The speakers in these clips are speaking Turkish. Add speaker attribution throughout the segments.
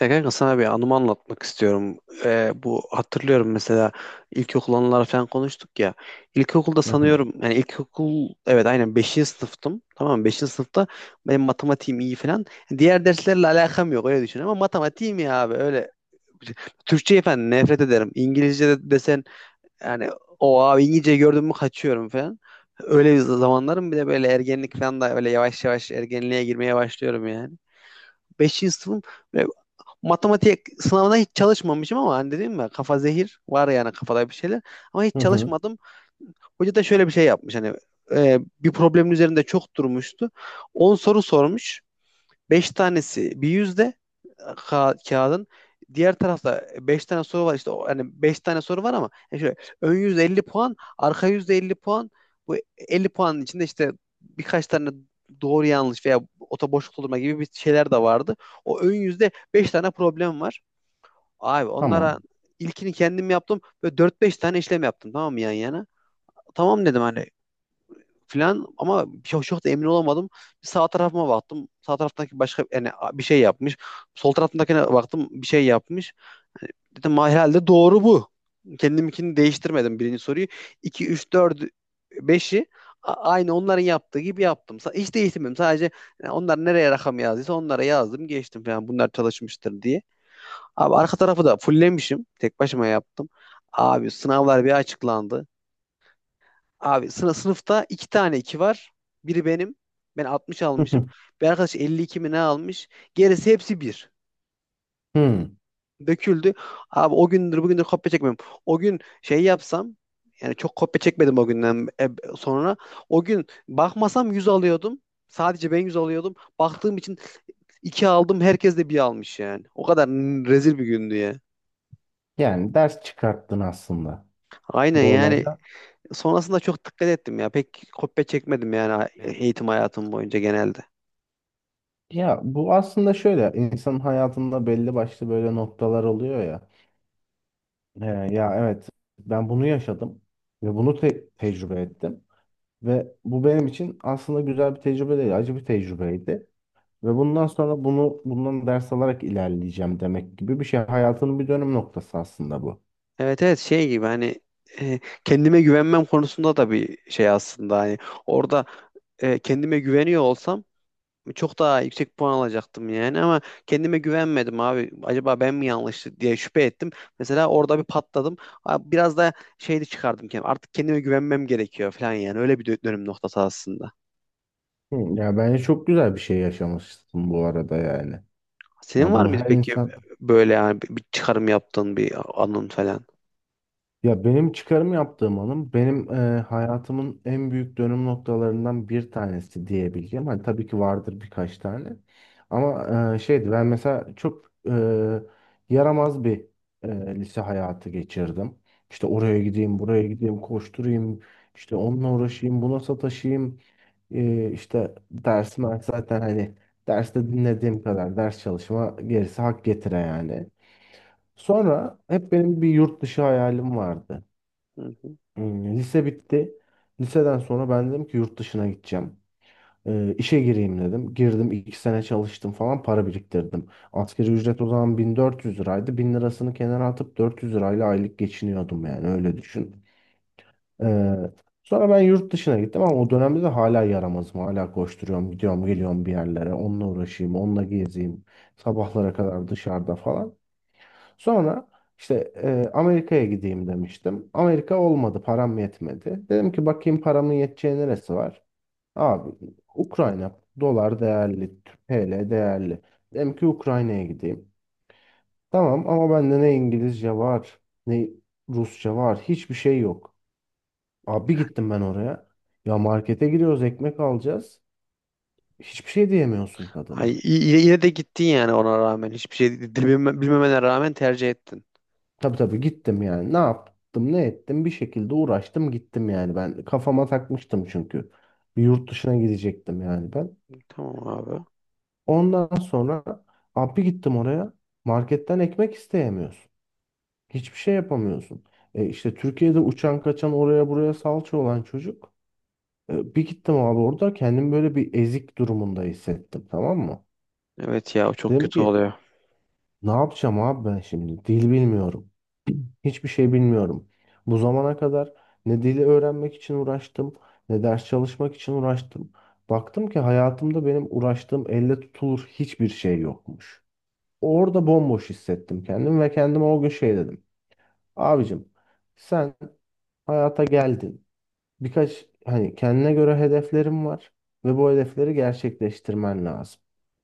Speaker 1: Ya kanka sana bir anımı anlatmak istiyorum. Bu hatırlıyorum mesela ilkokul anıları falan konuştuk ya. İlkokulda
Speaker 2: Hı hı.
Speaker 1: sanıyorum yani ilkokul evet aynen beşinci sınıftım. Tamam mı? 5. sınıfta benim matematiğim iyi falan. Diğer derslerle alakam yok öyle düşün ama matematiğim iyi abi öyle. Türkçeyi falan nefret ederim. İngilizce de desen yani o abi İngilizce gördüm mü kaçıyorum falan. Öyle bir zamanlarım bir de böyle ergenlik falan da öyle yavaş yavaş ergenliğe girmeye başlıyorum yani. Beşinci sınıfım matematik sınavına hiç çalışmamışım ama hani dedim ya kafa zehir var yani kafada bir şeyler ama hiç
Speaker 2: Hı hı.
Speaker 1: çalışmadım. Hoca da şöyle bir şey yapmış hani bir problemin üzerinde çok durmuştu. 10 soru sormuş. Beş tanesi bir yüzde kağıdın. Diğer tarafta 5 tane soru var işte hani 5 tane soru var ama yani şöyle ön yüzde 50 puan, arka yüzde 50 puan. Bu 50 puanın içinde işte birkaç tane doğru yanlış veya ota boşluk doldurma gibi bir şeyler de vardı. O ön yüzde 5 tane problem var. Abi onlara
Speaker 2: Tamam.
Speaker 1: ilkini kendim yaptım. Böyle dört beş tane işlem yaptım, tamam mı, yan yana? Tamam dedim hani filan ama çok, çok da emin olamadım. Bir sağ tarafıma baktım. Sağ taraftaki başka yani bir şey yapmış. Sol tarafındakine baktım, bir şey yapmış. Hani dedim, "Ma, herhalde doğru bu." Kendiminkini değiştirmedim birinci soruyu. İki üç, dört, beşi aynı onların yaptığı gibi yaptım. Hiç değiştirmedim. Sadece yani onlar nereye rakam yazdıysa onlara yazdım, geçtim falan. Bunlar çalışmıştır diye. Abi arka tarafı da fullemişim. Tek başıma yaptım. Abi sınavlar bir açıklandı. Abi sınıfta iki tane iki var. Biri benim. Ben 60
Speaker 2: Hı
Speaker 1: almışım.
Speaker 2: hı.
Speaker 1: Bir arkadaş 52 mi ne almış. Gerisi hepsi bir.
Speaker 2: Hı.
Speaker 1: Döküldü. Abi o gündür bugündür kopya çekmem. O gün şey yapsam yani çok kopya çekmedim o günden sonra. O gün bakmasam 100 alıyordum. Sadece ben 100 alıyordum. Baktığım için 2 aldım. Herkes de bir almış yani. O kadar rezil bir gündü ya.
Speaker 2: Yani ders çıkarttın aslında
Speaker 1: Aynen
Speaker 2: bu
Speaker 1: yani.
Speaker 2: olayda.
Speaker 1: Sonrasında çok dikkat ettim ya. Pek kopya çekmedim yani eğitim hayatım boyunca genelde.
Speaker 2: Ya bu aslında şöyle insanın hayatında belli başlı böyle noktalar oluyor ya. Ee, Ya evet, ben bunu yaşadım ve bunu tecrübe ettim. Ve bu benim için aslında güzel bir tecrübe değil, acı bir tecrübeydi. Ve bundan sonra bunu bundan ders alarak ilerleyeceğim demek gibi bir şey. Hayatının bir dönüm noktası aslında bu.
Speaker 1: Evet evet şey gibi hani kendime güvenmem konusunda da bir şey aslında. Hani orada kendime güveniyor olsam çok daha yüksek puan alacaktım yani ama kendime güvenmedim abi. Acaba ben mi yanlış diye şüphe ettim. Mesela orada bir patladım. Abi biraz da şey de çıkardım kendim. Artık kendime güvenmem gerekiyor falan yani. Öyle bir dönüm noktası aslında.
Speaker 2: Hı, ya bence çok güzel bir şey yaşamışsın bu arada yani.
Speaker 1: Senin
Speaker 2: Yani
Speaker 1: var
Speaker 2: bunu
Speaker 1: mıydı
Speaker 2: her
Speaker 1: peki
Speaker 2: insan,
Speaker 1: böyle yani bir çıkarım yaptığın bir anın falan?
Speaker 2: ya benim çıkarım yaptığım hanım benim hayatımın en büyük dönüm noktalarından bir tanesi diyebileceğim. Hani tabii ki vardır birkaç tane. Ama şeydi, ben mesela çok yaramaz bir lise hayatı geçirdim. İşte oraya gideyim, buraya gideyim, koşturayım, işte onunla uğraşayım, buna sataşayım. İşte dersim zaten hani derste dinlediğim kadar ders çalışma, gerisi hak getire yani. Sonra hep benim bir yurt dışı hayalim vardı.
Speaker 1: Hı hı.
Speaker 2: Lise bitti. Liseden sonra ben dedim ki yurt dışına gideceğim. İşe gireyim dedim. Girdim, iki sene çalıştım falan, para biriktirdim. Asgari ücret o zaman 1400 liraydı. 1000 lirasını kenara atıp 400 lirayla aylık geçiniyordum, yani öyle düşün. Ee, Sonra ben yurt dışına gittim ama o dönemde de hala yaramazım. Hala koşturuyorum, gidiyorum geliyorum bir yerlere. Onunla uğraşayım, onunla gezeyim. Sabahlara kadar dışarıda falan. Sonra işte Amerika'ya gideyim demiştim. Amerika olmadı, param yetmedi. Dedim ki bakayım paramın yeteceği neresi var. Abi Ukrayna dolar değerli, TL değerli. Dedim ki Ukrayna'ya gideyim. Tamam ama bende ne İngilizce var, ne Rusça var, hiçbir şey yok. Abi gittim ben oraya. Ya markete giriyoruz, ekmek alacağız. Hiçbir şey diyemiyorsun
Speaker 1: Ay,
Speaker 2: kadına.
Speaker 1: yine de gittin yani ona rağmen. Hiçbir şey bilmemene rağmen tercih ettin.
Speaker 2: Tabii tabii gittim yani. Ne yaptım, ne ettim? Bir şekilde uğraştım, gittim yani ben. Kafama takmıştım çünkü. Bir yurt dışına gidecektim yani ben.
Speaker 1: Tamam abi.
Speaker 2: Ondan sonra abi gittim oraya. Marketten ekmek isteyemiyorsun. Hiçbir şey yapamıyorsun. E işte Türkiye'de uçan kaçan oraya buraya salça olan çocuk. E bir gittim abi, orada kendimi böyle bir ezik durumunda hissettim, tamam mı?
Speaker 1: Evet ya, o çok
Speaker 2: Dedim
Speaker 1: kötü
Speaker 2: ki
Speaker 1: oluyor.
Speaker 2: ne yapacağım abi ben şimdi? Dil bilmiyorum. Hiçbir şey bilmiyorum. Bu zamana kadar ne dili öğrenmek için uğraştım, ne ders çalışmak için uğraştım. Baktım ki hayatımda benim uğraştığım elle tutulur hiçbir şey yokmuş. Orada bomboş hissettim kendimi ve kendime o gün şey dedim. Abicim, sen hayata geldin. Birkaç hani kendine göre hedeflerim var ve bu hedefleri gerçekleştirmen lazım.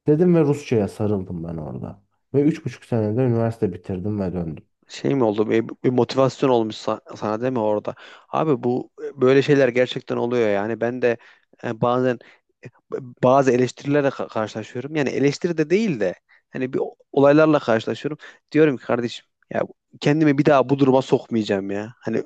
Speaker 2: Dedim ve Rusça'ya sarıldım ben orada. Ve üç buçuk senede üniversite bitirdim ve döndüm.
Speaker 1: Şey mi oldu? Bir motivasyon olmuş sana değil mi orada? Abi bu böyle şeyler gerçekten oluyor yani. Ben de bazen bazı eleştirilerle karşılaşıyorum. Yani eleştiri de değil de hani bir olaylarla karşılaşıyorum. Diyorum ki, kardeşim ya kendimi bir daha bu duruma sokmayacağım ya. Hani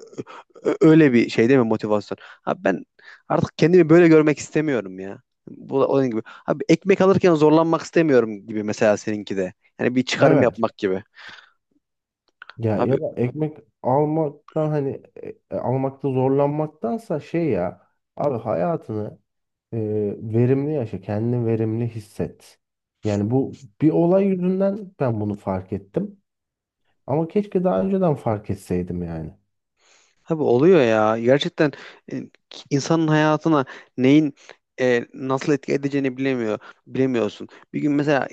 Speaker 1: Öyle bir şey değil mi motivasyon? Abi ben artık kendimi böyle görmek istemiyorum ya. Bu da onun gibi. Abi ekmek alırken zorlanmak istemiyorum gibi mesela seninki de. Yani bir çıkarım
Speaker 2: Evet.
Speaker 1: yapmak gibi.
Speaker 2: Ya
Speaker 1: Abi
Speaker 2: ya da ekmek almaktan, hani almakta zorlanmaktansa, şey ya, abi hayatını e, verimli yaşa, kendini verimli hisset. Yani bu bir olay yüzünden ben bunu fark ettim. Ama keşke daha önceden fark etseydim yani.
Speaker 1: Abi oluyor ya. Gerçekten e, insanın hayatına neyin nasıl etki edeceğini bilemiyor. Bilemiyorsun. Bir gün mesela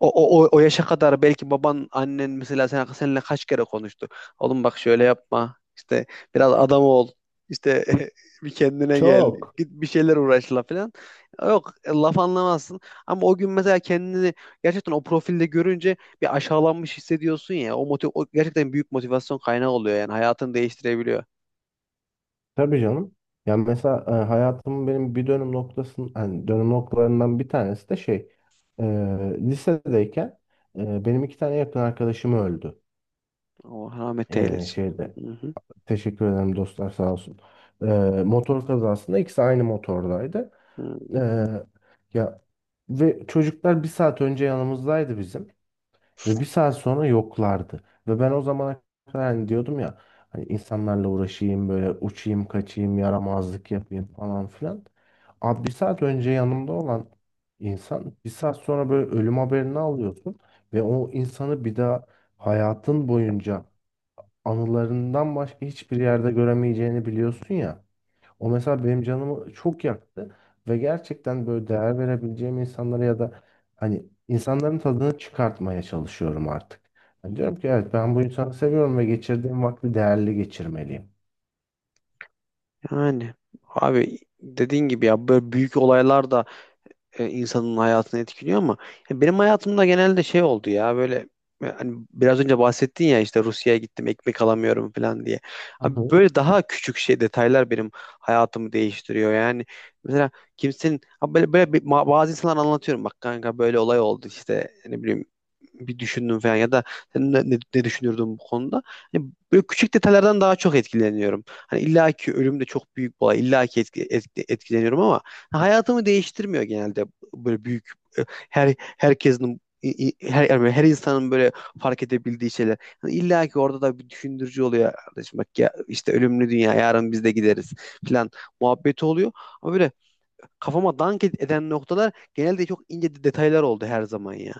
Speaker 1: o, o yaşa kadar belki baban, annen mesela seninle kaç kere konuştu. Oğlum, bak, şöyle yapma. İşte biraz adam ol. İşte bir kendine gel.
Speaker 2: Çok.
Speaker 1: Git bir şeyler uğraşla falan. Yok laf anlamazsın. Ama o gün mesela kendini gerçekten o profilde görünce bir aşağılanmış hissediyorsun ya, o, o gerçekten büyük motivasyon kaynağı oluyor yani hayatını değiştirebiliyor.
Speaker 2: Tabii canım. Yani mesela hayatımın benim bir dönüm noktasının, hani dönüm noktalarından bir tanesi de şey, e, lisedeyken benim iki tane yakın arkadaşım öldü.
Speaker 1: Allah rahmet
Speaker 2: E,
Speaker 1: eylesin.
Speaker 2: şeyde
Speaker 1: Hı hı.
Speaker 2: Teşekkür ederim dostlar, sağ olsun. Ee, Motor kazasında ikisi aynı motordaydı.
Speaker 1: Hı.
Speaker 2: Ee, Ya, ve çocuklar bir saat önce yanımızdaydı bizim ve bir saat sonra yoklardı. Ve ben o zamana kadar hani diyordum ya, hani insanlarla uğraşayım, böyle uçayım kaçayım, yaramazlık yapayım falan filan. Abi bir saat önce yanımda olan insan bir saat sonra böyle ölüm haberini alıyorsun ve o insanı bir daha hayatın boyunca anılarından başka hiçbir yerde göremeyeceğini biliyorsun ya. O mesela benim canımı çok yaktı ve gerçekten böyle değer verebileceğim insanlara ya da hani insanların tadını çıkartmaya çalışıyorum artık. Yani diyorum ki evet, ben bu insanı seviyorum ve geçirdiğim vakti değerli geçirmeliyim.
Speaker 1: Yani abi dediğin gibi ya böyle büyük olaylar da insanın hayatını etkiliyor ama ya benim hayatımda genelde şey oldu ya böyle hani biraz önce bahsettin ya işte Rusya'ya gittim ekmek alamıyorum falan diye.
Speaker 2: Hı
Speaker 1: Abi
Speaker 2: hı.
Speaker 1: böyle daha küçük şey detaylar benim hayatımı değiştiriyor. Yani mesela kimsenin abi böyle böyle bazı insanlar, anlatıyorum, bak kanka böyle olay oldu işte ne bileyim bir düşündüm falan ya da sen ne düşünürdün bu konuda? Hani böyle küçük detaylardan daha çok etkileniyorum. Hani illaki ölüm de çok büyük bir olay. İllaki etkileniyorum ama hayatımı değiştirmiyor genelde böyle büyük e, her herkesin i- i- her yani her insanın böyle fark edebildiği şeyler. Hani İlla ki orada da bir düşündürücü oluyor, kardeşim bak ya işte ölümlü dünya yarın biz de gideriz falan muhabbeti oluyor. Ama böyle kafama dank eden noktalar genelde çok ince detaylar oldu her zaman ya.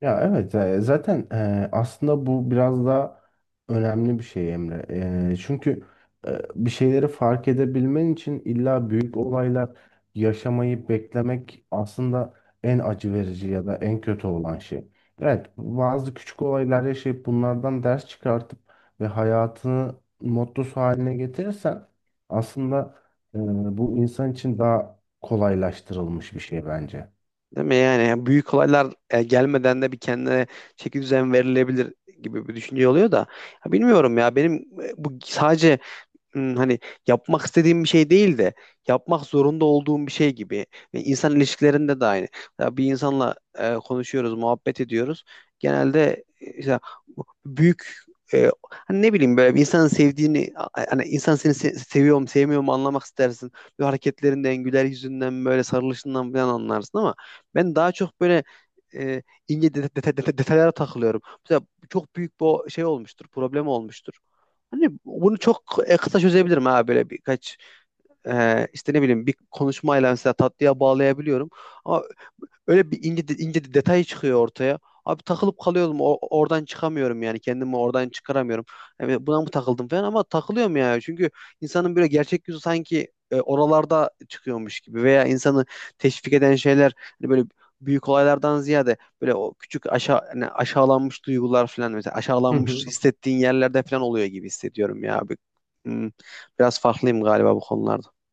Speaker 2: Ya evet, zaten aslında bu biraz da önemli bir şey Emre. Çünkü bir şeyleri fark edebilmen için illa büyük olaylar yaşamayı beklemek aslında en acı verici ya da en kötü olan şey. Evet, bazı küçük olaylar yaşayıp bunlardan ders çıkartıp ve hayatını mottosu haline getirirsen aslında e, bu insan için daha kolaylaştırılmış bir şey bence.
Speaker 1: Değil mi yani? Yani büyük olaylar gelmeden de bir kendine çeki düzen verilebilir gibi bir düşünce oluyor da. Ya bilmiyorum ya benim bu sadece hani yapmak istediğim bir şey değil de yapmak zorunda olduğum bir şey gibi. Ve insan ilişkilerinde de aynı. Ya bir insanla konuşuyoruz, muhabbet ediyoruz. Genelde işte bu büyük hani ne bileyim böyle bir insanın sevdiğini hani insan seni seviyorum, sevmiyorum anlamak istersin. Böyle hareketlerinden, güler yüzünden, böyle sarılışından falan anlarsın ama ben daha çok böyle e, ince detaylara takılıyorum. Mesela çok büyük bir şey olmuştur, problem olmuştur. Hani bunu çok kısa çözebilirim ha, böyle birkaç işte ne bileyim bir konuşmayla mesela tatlıya bağlayabiliyorum. Ama öyle bir ince de detay çıkıyor ortaya. Abi takılıp kalıyorum oradan çıkamıyorum yani kendimi oradan çıkaramıyorum. Yani buna mı takıldım falan, ama takılıyorum ya. Çünkü insanın böyle gerçek yüzü sanki oralarda çıkıyormuş gibi, veya insanı teşvik eden şeyler hani böyle büyük olaylardan ziyade böyle o küçük aşağı hani aşağılanmış duygular falan, mesela
Speaker 2: Hı
Speaker 1: aşağılanmış
Speaker 2: hı.
Speaker 1: hissettiğin yerlerde falan oluyor gibi hissediyorum ya bir... Hmm, Biraz farklıyım galiba bu konularda.